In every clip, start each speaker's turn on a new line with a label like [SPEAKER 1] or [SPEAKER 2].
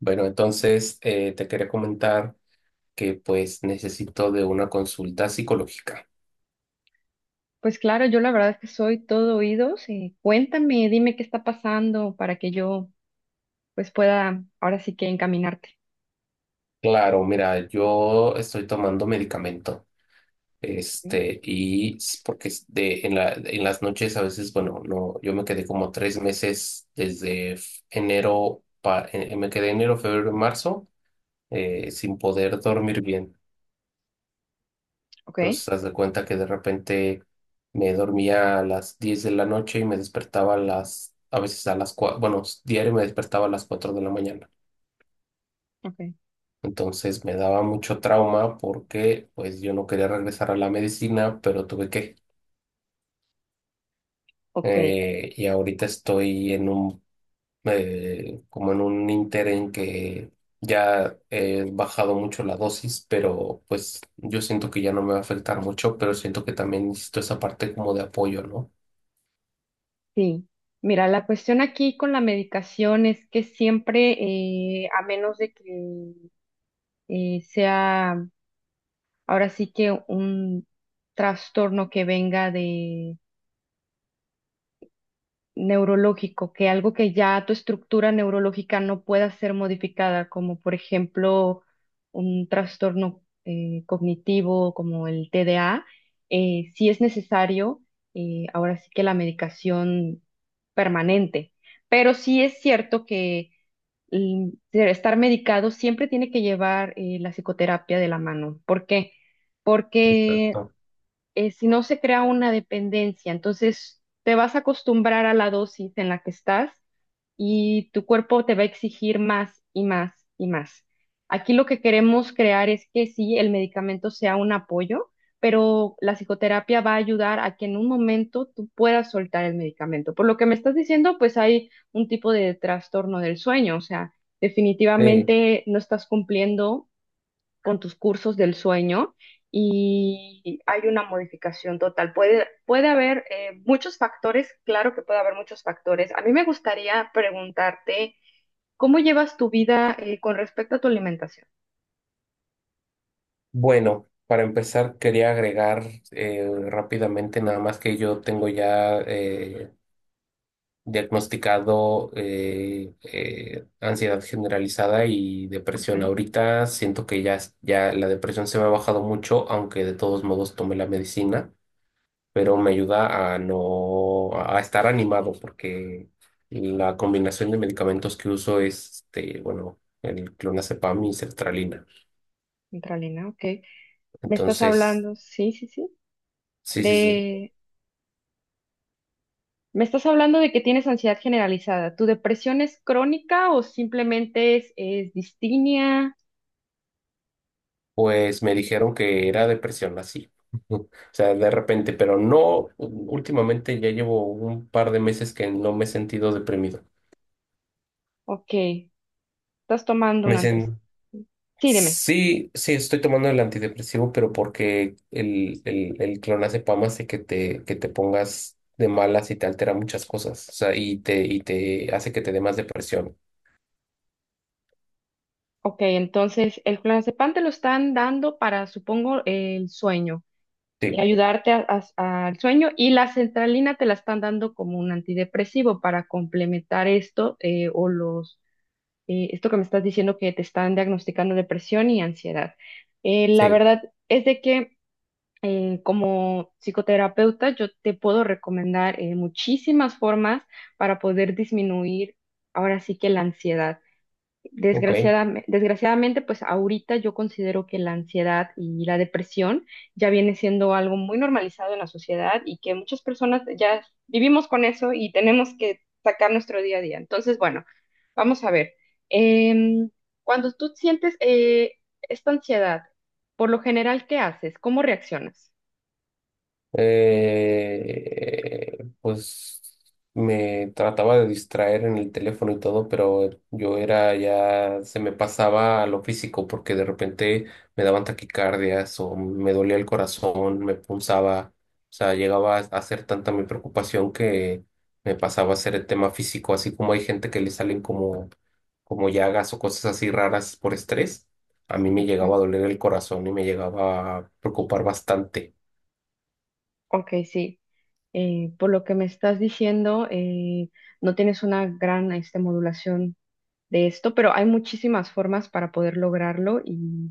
[SPEAKER 1] Bueno, entonces te quería comentar que pues necesito de una consulta psicológica.
[SPEAKER 2] Pues claro, yo la verdad es que soy todo oídos. Cuéntame, dime qué está pasando para que yo pues pueda ahora sí que encaminarte.
[SPEAKER 1] Claro, mira, yo estoy tomando medicamento,
[SPEAKER 2] ¿Sí?
[SPEAKER 1] porque es de, en las noches a veces, bueno, no, yo me quedé como 3 meses desde enero, me quedé enero, febrero, marzo, sin poder dormir bien.
[SPEAKER 2] ¿Ok?
[SPEAKER 1] Entonces, haz de cuenta que de repente me dormía a las 10 de la noche y me despertaba a a veces a las 4, bueno, diario me despertaba a las 4 de la mañana.
[SPEAKER 2] Ok.
[SPEAKER 1] Entonces me daba mucho trauma porque pues yo no quería regresar a la medicina, pero tuve que.
[SPEAKER 2] Ok,
[SPEAKER 1] Y ahorita estoy en como en un ínter en que ya he bajado mucho la dosis, pero pues yo siento que ya no me va a afectar mucho, pero siento que también necesito esa parte como de apoyo, ¿no?
[SPEAKER 2] sí. Mira, la cuestión aquí con la medicación es que siempre, a menos de que sea ahora sí que un trastorno que venga neurológico, que algo que ya tu estructura neurológica no pueda ser modificada, como por ejemplo un trastorno cognitivo como el TDA, sí es necesario, ahora sí que la medicación permanente, pero sí es cierto que mm, estar medicado siempre tiene que llevar la psicoterapia de la mano. ¿Por qué? Porque
[SPEAKER 1] Exacto.
[SPEAKER 2] eh, si no se crea una dependencia, entonces te vas a acostumbrar a la dosis en la que estás y tu cuerpo te va a exigir más y más y más. Aquí lo que queremos crear es que sí, el medicamento sea un apoyo, pero la psicoterapia va a ayudar a que en un momento tú puedas soltar el medicamento. Por lo que me estás diciendo, pues hay un tipo de trastorno del sueño, o sea,
[SPEAKER 1] Eh,
[SPEAKER 2] definitivamente no estás cumpliendo con tus cursos del sueño y hay una modificación total. Puede haber muchos factores, claro que puede haber muchos factores. A mí me gustaría preguntarte, ¿cómo llevas tu vida con respecto a tu alimentación?
[SPEAKER 1] bueno, para empezar quería agregar rápidamente nada más que yo tengo ya diagnosticado ansiedad generalizada y depresión.
[SPEAKER 2] Okay.
[SPEAKER 1] Ahorita siento que ya, ya la depresión se me ha bajado mucho, aunque de todos modos tomé la medicina, pero me ayuda a no a estar animado porque la combinación de medicamentos que uso es, bueno, el clonazepam y sertralina.
[SPEAKER 2] Centralina, ok. Me estás
[SPEAKER 1] Entonces,
[SPEAKER 2] hablando, sí, sí, sí,
[SPEAKER 1] sí, sí, sí.
[SPEAKER 2] de... Me estás hablando de que tienes ansiedad generalizada. ¿Tu depresión es crónica o simplemente es distimia?
[SPEAKER 1] Pues me dijeron que era depresión así. O sea, de repente, pero no, últimamente ya llevo un par de meses que no me he sentido deprimido.
[SPEAKER 2] Ok, estás tomando
[SPEAKER 1] Me
[SPEAKER 2] un antes.
[SPEAKER 1] dicen,
[SPEAKER 2] Sí, dime.
[SPEAKER 1] sí, sí, estoy tomando el antidepresivo, pero porque el clonazepam hace que que te pongas de malas y te altera muchas cosas. O sea, y te hace que te dé más depresión.
[SPEAKER 2] Ok, entonces el clonazepam te lo están dando para, supongo, el sueño, y
[SPEAKER 1] Sí,
[SPEAKER 2] ayudarte a- al sueño, y la centralina te la están dando como un antidepresivo para complementar esto o los esto que me estás diciendo que te están diagnosticando depresión y ansiedad. La
[SPEAKER 1] sí,
[SPEAKER 2] verdad es de que como psicoterapeuta yo te puedo recomendar muchísimas formas para poder disminuir ahora sí que la ansiedad.
[SPEAKER 1] ok.
[SPEAKER 2] Desgraciadamente, desgraciadamente, pues ahorita yo considero que la ansiedad y la depresión ya viene siendo algo muy normalizado en la sociedad y que muchas personas ya vivimos con eso y tenemos que sacar nuestro día a día. Entonces, bueno, vamos a ver. Em, Cuando tú sientes esta ansiedad, por lo general, ¿qué haces? ¿Cómo reaccionas?
[SPEAKER 1] Pues me trataba de distraer en el teléfono y todo, pero yo era ya, se me pasaba a lo físico porque de repente me daban taquicardias o me dolía el corazón, me punzaba, o sea, llegaba a ser tanta mi preocupación que me pasaba a ser el tema físico, así como hay gente que le salen como, como llagas o cosas así raras por estrés, a mí me llegaba
[SPEAKER 2] Ujú.
[SPEAKER 1] a doler el corazón y me llegaba a preocupar bastante.
[SPEAKER 2] Ok, sí. Por lo que me estás diciendo, no tienes una gran este, modulación de esto, pero hay muchísimas formas para poder lograrlo y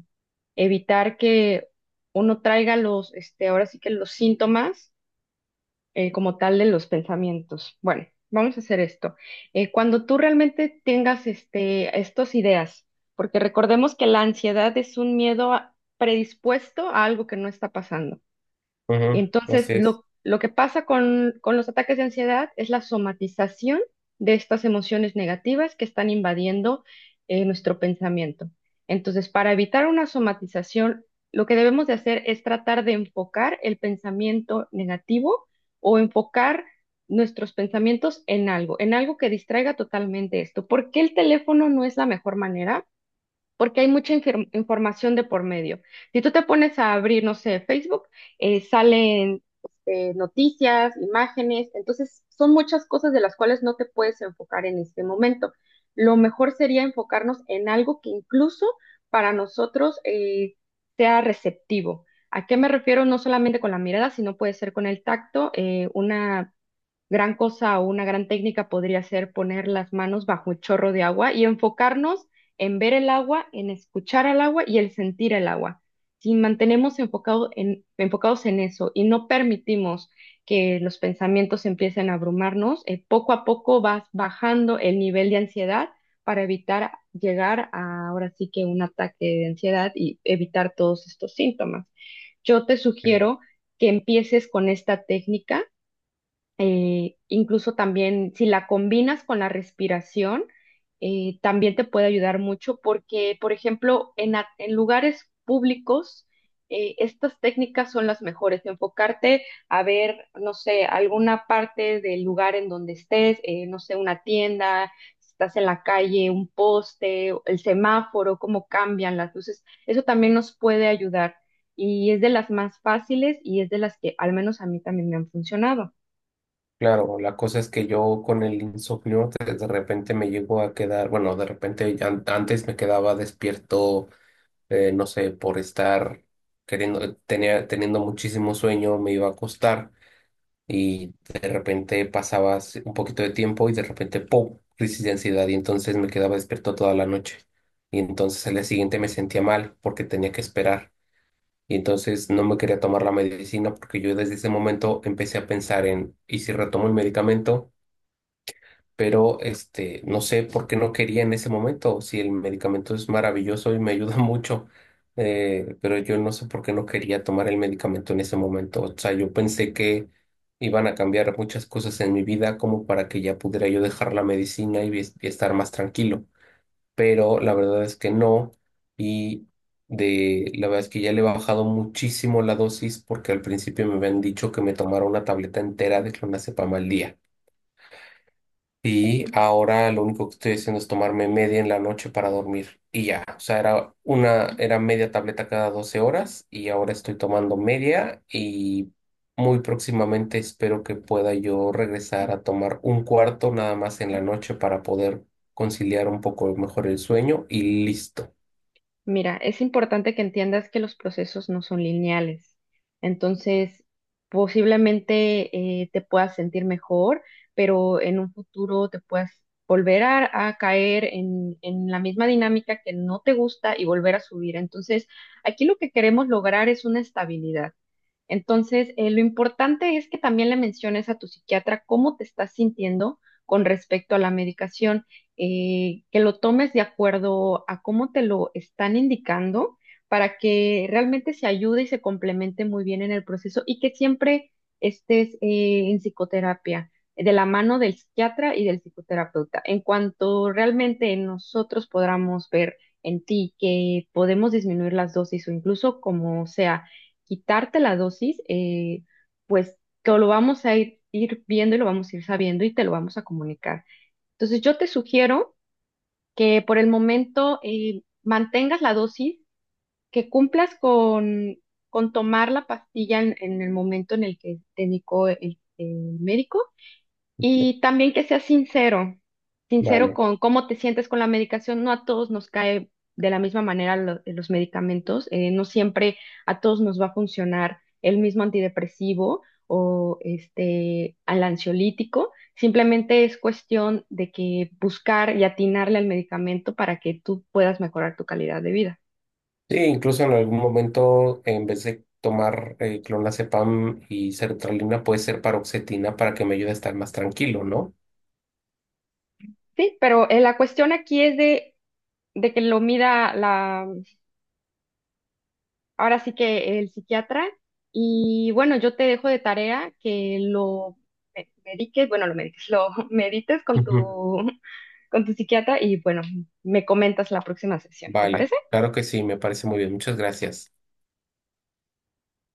[SPEAKER 2] evitar que uno traiga los, este, ahora sí que los síntomas como tal de los pensamientos. Bueno, vamos a hacer esto. Cuando tú realmente tengas este, estas ideas, porque recordemos que la ansiedad es un miedo a- predispuesto a algo que no está pasando.
[SPEAKER 1] Ujú,
[SPEAKER 2] Entonces,
[SPEAKER 1] así es.
[SPEAKER 2] lo que pasa con los ataques de ansiedad es la somatización de estas emociones negativas que están invadiendo nuestro pensamiento. Entonces, para evitar una somatización, lo que debemos de hacer es tratar de enfocar el pensamiento negativo o enfocar nuestros pensamientos en algo que distraiga totalmente esto. ¿Por qué el teléfono no es la mejor manera? Porque hay mucha información de por medio. Si tú te pones a abrir, no sé, Facebook, salen este, noticias, imágenes, entonces son muchas cosas de las cuales no te puedes enfocar en este momento. Lo mejor sería enfocarnos en algo que incluso para nosotros sea receptivo. ¿A qué me refiero? No solamente con la mirada, sino puede ser con el tacto, una gran cosa o una gran técnica podría ser poner las manos bajo un chorro de agua y enfocarnos en ver el agua, en escuchar al agua y el sentir el agua. Si mantenemos enfocado enfocados en eso y no permitimos que los pensamientos empiecen a abrumarnos, poco a poco vas bajando el nivel de ansiedad para evitar llegar a ahora sí que un ataque de ansiedad y evitar todos estos síntomas. Yo te
[SPEAKER 1] Sí,
[SPEAKER 2] sugiero que empieces con esta técnica incluso también si la combinas con la respiración, también te puede ayudar mucho porque, por ejemplo, en lugares públicos, estas técnicas son las mejores. Enfocarte a ver, no sé, alguna parte del lugar en donde estés, no sé, una tienda, si estás en la calle, un poste, el semáforo, cómo cambian las luces. Eso también nos puede ayudar y es de las más fáciles y es de las que al menos a mí también me han funcionado.
[SPEAKER 1] claro, la cosa es que yo con el insomnio de repente me llego a quedar, bueno, de repente ya antes me quedaba despierto, no sé, por estar queriendo, teniendo muchísimo sueño, me iba a acostar y de repente pasaba así un poquito de tiempo y de repente, ¡pum!, crisis de ansiedad y entonces me quedaba despierto toda la noche. Y entonces al día siguiente me sentía mal porque tenía que esperar. Y entonces no me quería tomar la medicina porque yo desde ese momento empecé a pensar en, ¿y si retomo el medicamento? Pero este, no sé por qué no quería en ese momento, si el medicamento es maravilloso y me ayuda mucho, pero yo no sé por qué no quería tomar el medicamento en ese momento. O sea, yo pensé que iban a cambiar muchas cosas en mi vida como para que ya pudiera yo dejar la medicina y estar más tranquilo, pero la verdad es que no. Y de la verdad es que ya le he bajado muchísimo la dosis porque al principio me habían dicho que me tomara una tableta entera de clonazepam al día. Y ahora lo único que estoy haciendo es tomarme media en la noche para dormir. Y ya, o sea, era media tableta cada 12 horas y ahora estoy tomando media y muy próximamente espero que pueda yo regresar a tomar un cuarto nada más en la noche para poder conciliar un poco mejor el sueño y listo.
[SPEAKER 2] Mira, es importante que entiendas que los procesos no son lineales. Entonces, posiblemente te puedas sentir mejor, pero en un futuro te puedas volver a caer en la misma dinámica que no te gusta y volver a subir. Entonces, aquí lo que queremos lograr es una estabilidad. Entonces, lo importante es que también le menciones a tu psiquiatra cómo te estás sintiendo con respecto a la medicación, que lo tomes de acuerdo a cómo te lo están indicando para que realmente se ayude y se complemente muy bien en el proceso y que siempre estés en psicoterapia, de la mano del psiquiatra y del psicoterapeuta. En cuanto realmente nosotros podamos ver en ti que podemos disminuir las dosis o incluso como sea quitarte la dosis, pues que lo vamos a ir viendo y lo vamos a ir sabiendo y te lo vamos a comunicar. Entonces yo te sugiero que por el momento mantengas la dosis, que cumplas con tomar la pastilla en el momento en el que te indicó el médico y también que seas sincero, sincero
[SPEAKER 1] Vale.
[SPEAKER 2] con cómo te sientes con la medicación. No a todos nos cae de la misma manera los medicamentos, no siempre a todos nos va a funcionar el mismo antidepresivo o este al ansiolítico. Simplemente es cuestión de que buscar y atinarle al medicamento para que tú puedas mejorar tu calidad de vida.
[SPEAKER 1] Sí, incluso en algún momento, en vez de tomar clonazepam y sertralina, puede ser paroxetina para que me ayude a estar más tranquilo, ¿no?
[SPEAKER 2] Sí, pero la cuestión aquí es de que lo mida ahora sí que el psiquiatra. Y bueno, yo te dejo de tarea que lo mediques, bueno, lo mediques, lo medites con tu psiquiatra y bueno, me comentas la próxima sesión, ¿te
[SPEAKER 1] Vale,
[SPEAKER 2] parece?
[SPEAKER 1] claro que sí, me parece muy bien. Muchas gracias.